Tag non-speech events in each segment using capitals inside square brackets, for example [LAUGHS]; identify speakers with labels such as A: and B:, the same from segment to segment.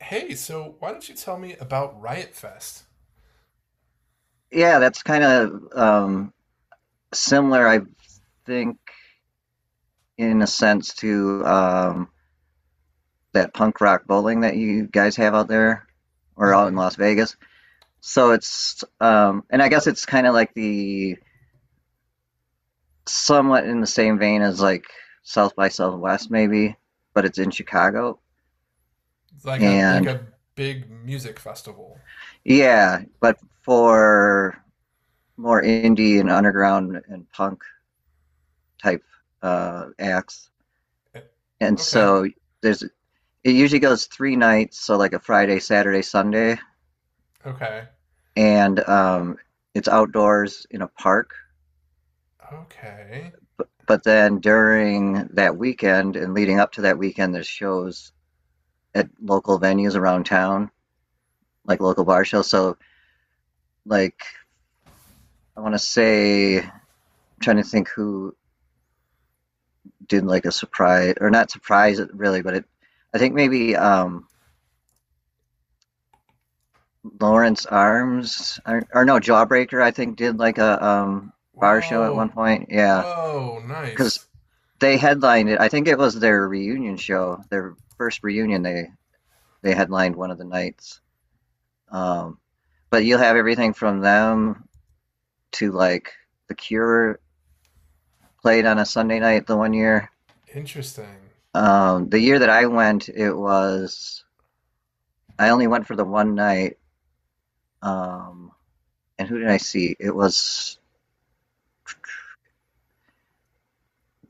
A: Hey, so why don't you tell me about Riot Fest?
B: Yeah, that's kind of similar, I think, in a sense to that punk rock bowling that you guys have out there or out in
A: Mm-hmm.
B: Las Vegas. So it's, and I guess it's kind of like the somewhat in the same vein as like South by Southwest, maybe, but it's in Chicago.
A: Like a like
B: And
A: a big music festival.
B: yeah, but for more indie and underground and punk type acts.
A: Eh,
B: And
A: okay,
B: so there's It usually goes three nights, so like a Friday, Saturday, Sunday,
A: okay,
B: and it's outdoors in a park.
A: okay.
B: But then during that weekend and leading up to that weekend, there's shows at local venues around town, like local bar shows. So like I want to say, I'm trying to think who did like a surprise or not surprise it really, but it I think maybe Lawrence Arms or no, Jawbreaker I think did like a bar show at one
A: Whoa,
B: point. Yeah,
A: whoa,
B: because
A: nice,
B: they headlined it. I think it was their reunion show, their first reunion. They headlined one of the nights. Um, but you'll have everything from them to like The Cure played on a Sunday night the one year.
A: interesting.
B: The year that I went, it was I only went for the one night. Um, and who did I see? It was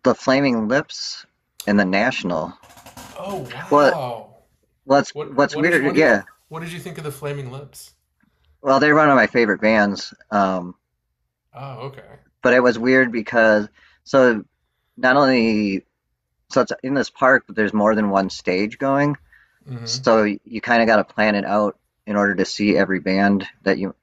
B: the Flaming Lips and the National.
A: Oh
B: Well,
A: wow.
B: what's
A: What
B: what's
A: what did you
B: weird?
A: what did
B: Yeah,
A: what did you think of the Flaming Lips?
B: well, they're one of my favorite bands.
A: Oh okay.
B: But it was weird because so not only so it's in this park, but there's more than one stage going.
A: Mm-hmm.
B: So you kind of got to plan it out in order to see every band that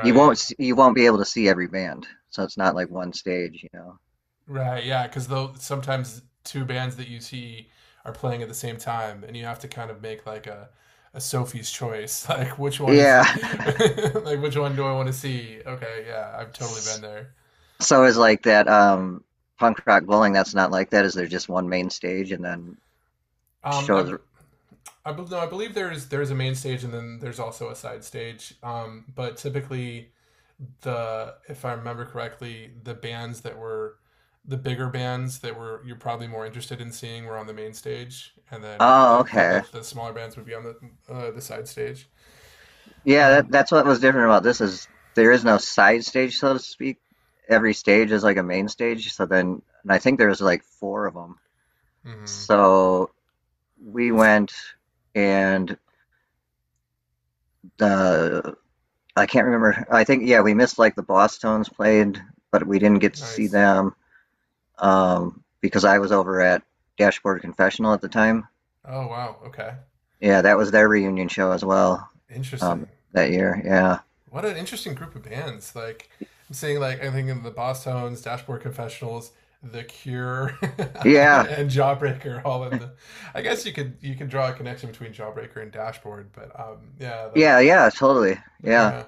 B: you won't you won't be able to see every band. So it's not like one stage, you know.
A: Right. Yeah. Because though sometimes two bands that you see are playing at the same time, and you have to kind of make like a Sophie's choice, [LAUGHS] like which one is
B: Yeah.
A: it? [LAUGHS] Like which one do I want to see? Okay. Yeah. I've totally been there.
B: [LAUGHS] So it's like that punk rock bowling. That's not like that. Is there just one main stage and then
A: Um. I,
B: shows?
A: b- no. I believe there's a main stage and then there's also a side stage. But typically the if I remember correctly, the bigger bands that were you're probably more interested in seeing were on the main stage, and then
B: Oh,
A: like
B: okay.
A: the smaller bands would be on the side stage.
B: Yeah,
A: Um,
B: that's what was different about this is there is no side stage, so to speak. Every stage is like a main stage. So then, and I think there was like 4 of them.
A: mhm.
B: So we went and the I can't remember. I think yeah, we missed like the Boston's played, but we didn't get to see
A: Nice.
B: them because I was over at Dashboard Confessional at the time.
A: Oh wow. Okay.
B: Yeah, that was their reunion show as well, um,
A: Interesting.
B: that year. Yeah,
A: What an interesting group of bands. Like I'm seeing like I think of the Boss Tones, Dashboard Confessionals, The Cure, [LAUGHS]
B: yeah,
A: and Jawbreaker all in the. I guess you could draw a connection between Jawbreaker and Dashboard, but yeah like
B: yeah, totally. Yeah.
A: yeah.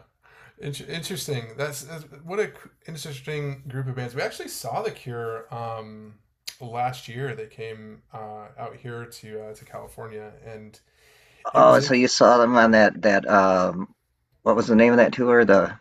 A: Interesting. That's what a c- Interesting group of bands. We actually saw The Cure last year. They came out here to California, and it was
B: Oh,
A: in.
B: so you saw them on that what was the name of that tour? The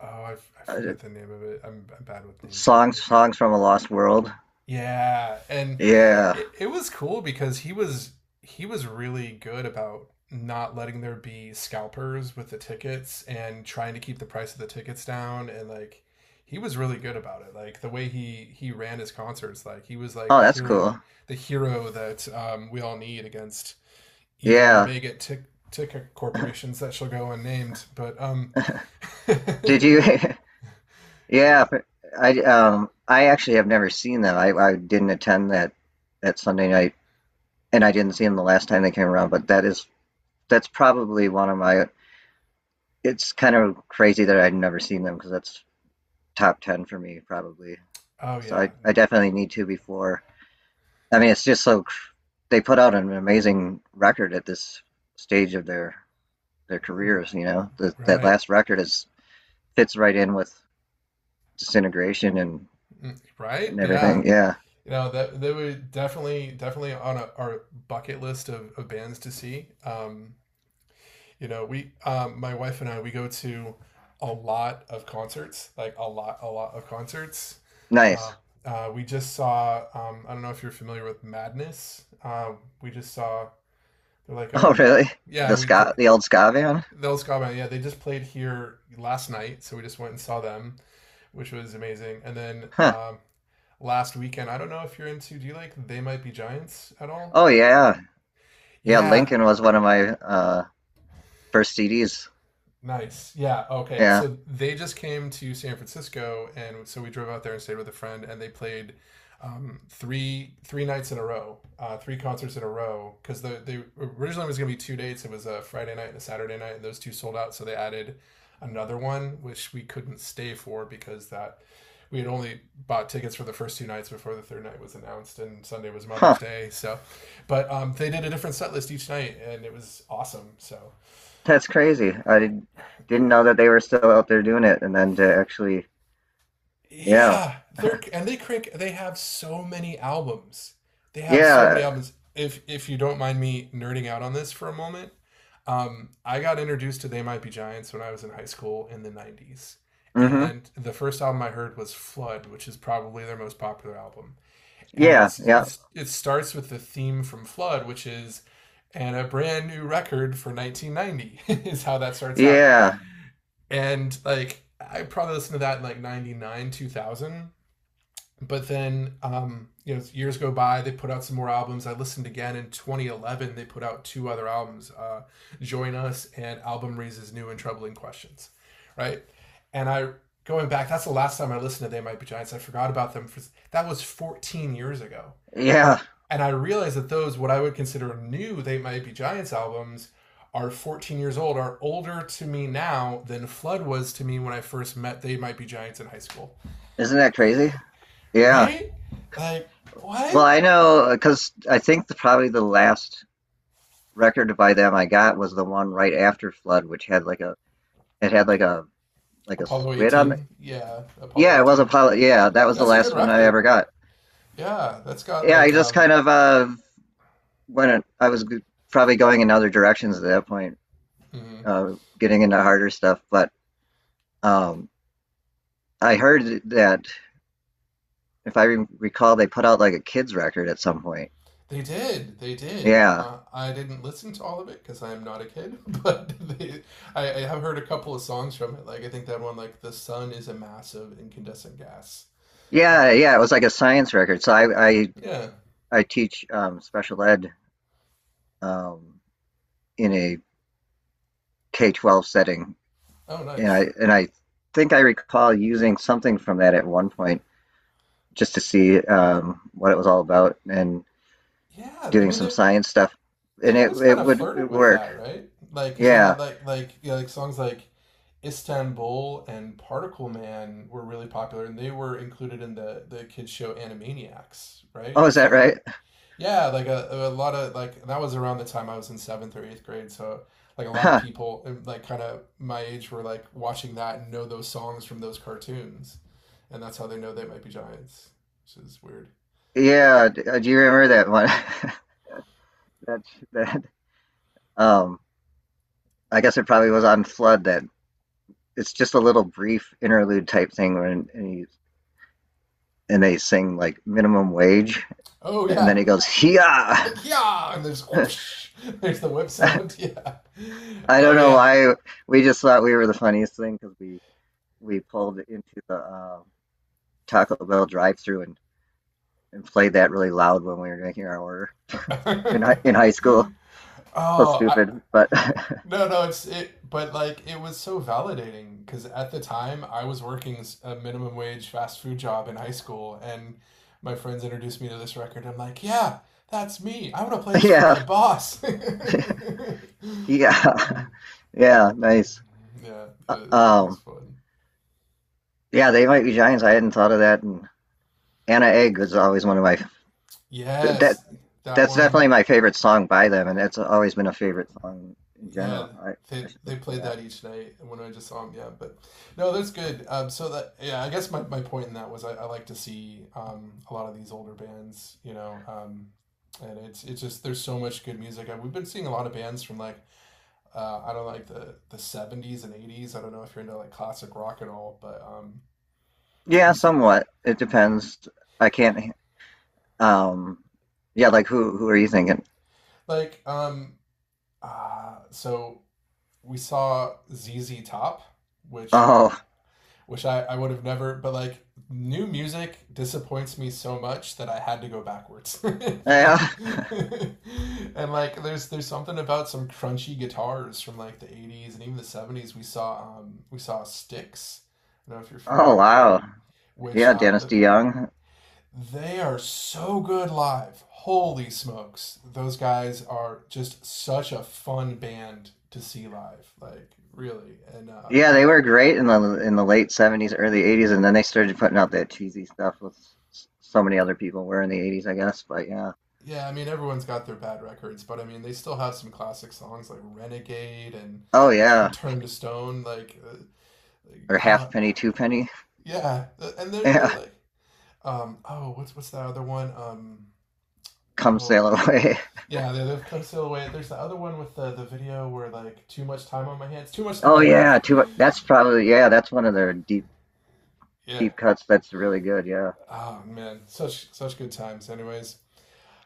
A: Oh, I
B: uh,
A: forget the name of it. I'm bad with names of
B: songs songs from a lost world.
A: yeah, and
B: Yeah.
A: it was cool because he was really good about not letting there be scalpers with the tickets and trying to keep the price of the tickets down, and like he was really good about it. Like the way he ran his concerts, like he was like
B: Oh, that's cool.
A: the hero that we all need against evil
B: Yeah.
A: mega tick ticket corporations that shall go unnamed, but um, [LAUGHS]
B: Did
A: it
B: you?
A: was,
B: [LAUGHS]
A: yeah.
B: Yeah. But I actually have never seen them. I didn't attend that Sunday night, and I didn't see them the last time they came around. But that is that's probably one of my. It's kind of crazy that I'd never seen them because that's top 10 for me probably.
A: Oh
B: So
A: yeah.
B: I definitely need to before. I mean, it's just so they put out an amazing record at this stage of their
A: Mm,
B: careers. You know, that
A: right.
B: last record is fits right in with disintegration and
A: Mm, right, yeah.
B: everything. Yeah,
A: You know that they were definitely on our bucket list of bands to see. You know, we my wife and I, we go to a lot of concerts, like a lot of concerts.
B: nice.
A: Uh,
B: [LAUGHS]
A: we just saw I don't know if you're familiar with Madness. We just saw they're like
B: Oh,
A: a
B: really? The
A: yeah
B: ska, the old ska van?
A: those Scott, yeah, they just played here last night, so we just went and saw them, which was amazing. And then
B: Huh.
A: last weekend. I don't know if you're into. Do you like They Might Be Giants at all?
B: Oh yeah, yeah.
A: Yeah.
B: Lincoln was one of my first CDs.
A: Nice. Yeah. Okay.
B: Yeah.
A: So they just came to San Francisco, and so we drove out there and stayed with a friend, and they played three nights in a row, three concerts in a row. Because they originally was going to be two dates. It was a Friday night and a Saturday night, and those two sold out. So they added another one, which we couldn't stay for because that we had only bought tickets for the first two nights before the third night was announced, and Sunday was Mother's
B: Huh.
A: Day, so but they did a different set list each night and it was awesome so
B: That's crazy. I didn't know that they were still out there doing it, and then to actually, yeah,
A: yeah, they're and they crank. They have so many albums. They have so many
B: yeah.
A: albums. If you don't mind me nerding out on this for a moment, I got introduced to They Might Be Giants when I was in high school in the '90s,
B: Mm-hmm.
A: and the first album I heard was Flood, which is probably their most popular album. And
B: Yeah, yeah,
A: it's it starts with the theme from Flood, which is and a brand new record for 1990, [LAUGHS] is how that starts out.
B: yeah,
A: And like I probably listened to that in like 99, 2000, but then you know, years go by, they put out some more albums. I listened again in 2011. They put out two other albums, Join Us and Album Raises New and Troubling Questions, right. and I going back, that's the last time I listened to They Might Be Giants. I forgot about them for, that was 14 years ago. and
B: yeah.
A: i and I realized that those, what I would consider new They Might Be Giants albums, are 14 years old, are older to me now than Flood was to me when I first met They Might Be Giants in high school.
B: Isn't that crazy? Yeah.
A: Right? Like,
B: Well,
A: what?
B: I know because I think probably the last record by them I got was the one right after Flood, which had like a it had like a
A: Apollo
B: squid on it.
A: 18. Yeah, Apollo
B: Yeah, it was a
A: 18.
B: pilot. Yeah, that was the
A: That's a good
B: last one I ever
A: record.
B: got.
A: Yeah, that's got
B: Yeah, I
A: like,
B: just kind of when it, I was g- probably going in other directions at that point,
A: mm,
B: uh, getting into harder stuff. But um, I heard that if I re recall, they put out like a kids record at some point.
A: they did. They did.
B: Yeah,
A: I didn't listen to all of it because I am not a kid, [LAUGHS] but they, I have heard a couple of songs from it. Like, I think that one, like, The Sun Is a Massive Incandescent Gas.
B: yeah,
A: Um,
B: yeah. It was like a science record. So I
A: yeah.
B: I teach special ed um, in a K-12 setting,
A: Oh,
B: and I
A: nice.
B: and I think I recall using something from that at one point just to see what it was all about and
A: Yeah, I
B: doing
A: mean,
B: some science stuff, and
A: they've
B: it
A: always
B: it
A: kind of
B: would
A: flirted
B: it
A: with
B: work.
A: that, right? Like, because they
B: Yeah.
A: had, like, yeah, like songs like Istanbul and Particle Man were really popular, and they were included in the kids show Animaniacs,
B: Oh,
A: right?
B: is that
A: So
B: right?
A: yeah, like a lot of like, that was around the time I was in seventh or eighth grade, so like a lot of
B: Huh.
A: people like kind of my age were like watching that and know those songs from those cartoons, and that's how they know They Might Be Giants, which is weird.
B: Yeah. Do you remember that one? [LAUGHS] That that. Um, I guess it probably was on Flood. That It's just a little brief interlude type thing when and they sing like minimum wage.
A: Oh
B: And then
A: yeah,
B: he goes, "Yeah."
A: [LAUGHS] yeah, and there's [LAUGHS] whoosh, there's the whip sound, [LAUGHS] yeah,
B: I
A: oh
B: don't know
A: yeah.
B: why we just thought we were the funniest thing because we pulled into the Taco Bell drive-through and played that really loud when we were making our order in high
A: [LAUGHS]
B: school. So
A: Oh, I,
B: stupid, but
A: no, no, it's it, but like it was so validating because at the time I was working a minimum wage fast food job in high school, and my friends introduced me to this record. I'm like, yeah, that's me. I want to play
B: [LAUGHS]
A: this for
B: yeah,
A: my boss. [LAUGHS]
B: yeah, yeah, nice.
A: Yeah,
B: Uh,
A: it was
B: Um,
A: fun.
B: yeah, They Might Be Giants. I hadn't thought of that. And Anna Egg was always one of my that
A: Yes, that
B: that's
A: one.
B: definitely my favorite song by them, and that's always been a favorite song in
A: Yeah,
B: general. I should
A: they
B: listen to
A: played
B: that.
A: that each night when I just saw them. Yeah, but no, that's good. So that yeah, I guess my point in that was I like to see a lot of these older bands, you know, and it's just there's so much good music. I, we've been seeing a lot of bands from like I don't know, like the seventies and eighties. I don't know if you're into like classic rock at all, but
B: Yeah,
A: we've seen
B: somewhat. It
A: yeah.
B: depends. I can't. Um, yeah, like who? Who are you thinking?
A: Like so we saw ZZ Top, which
B: Oh,
A: uh, which I would have never, but like new music disappoints me so much that I had to go backwards. [LAUGHS]
B: yeah.
A: And,
B: [LAUGHS]
A: [LAUGHS] and, like there's something about some crunchy guitars from like the 80s and even the 70s. We saw Sticks. I don't know if you're familiar
B: Oh,
A: with them,
B: wow.
A: which
B: Yeah, Dennis
A: the,
B: DeYoung.
A: they are so good live. Holy smokes. Those guys are just such a fun band to see live. Like really. And
B: Yeah,
A: I
B: they were great in the late '70s, early '80s, and then they started putting out that cheesy stuff with so many other people were in the '80s, I guess. But yeah.
A: yeah, I mean everyone's got their bad records, but I mean they still have some classic songs like Renegade and
B: Oh yeah.
A: Turn to Stone. Like
B: Or
A: ah,
B: Halfpenny, Twopenny.
A: yeah, and
B: [LAUGHS]
A: they're
B: Yeah.
A: like, oh, what's that other one?
B: Come
A: Oh,
B: Sail Away.
A: yeah, they, they've come still away. There's the other one with the video where like too much time on my hands, too much
B: [LAUGHS]
A: time
B: Oh
A: on my hands.
B: yeah. Two. That's probably yeah. That's one of their
A: Yeah,
B: deep cuts. That's really good. Yeah.
A: oh man, such such good times. Anyways,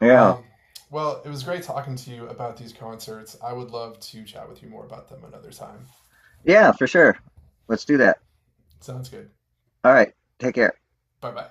B: Yeah.
A: um, well, it was great talking to you about these concerts. I would love to chat with you more about them another time.
B: Yeah, for sure. Let's do that.
A: Sounds good.
B: Alright, take care.
A: Bye bye.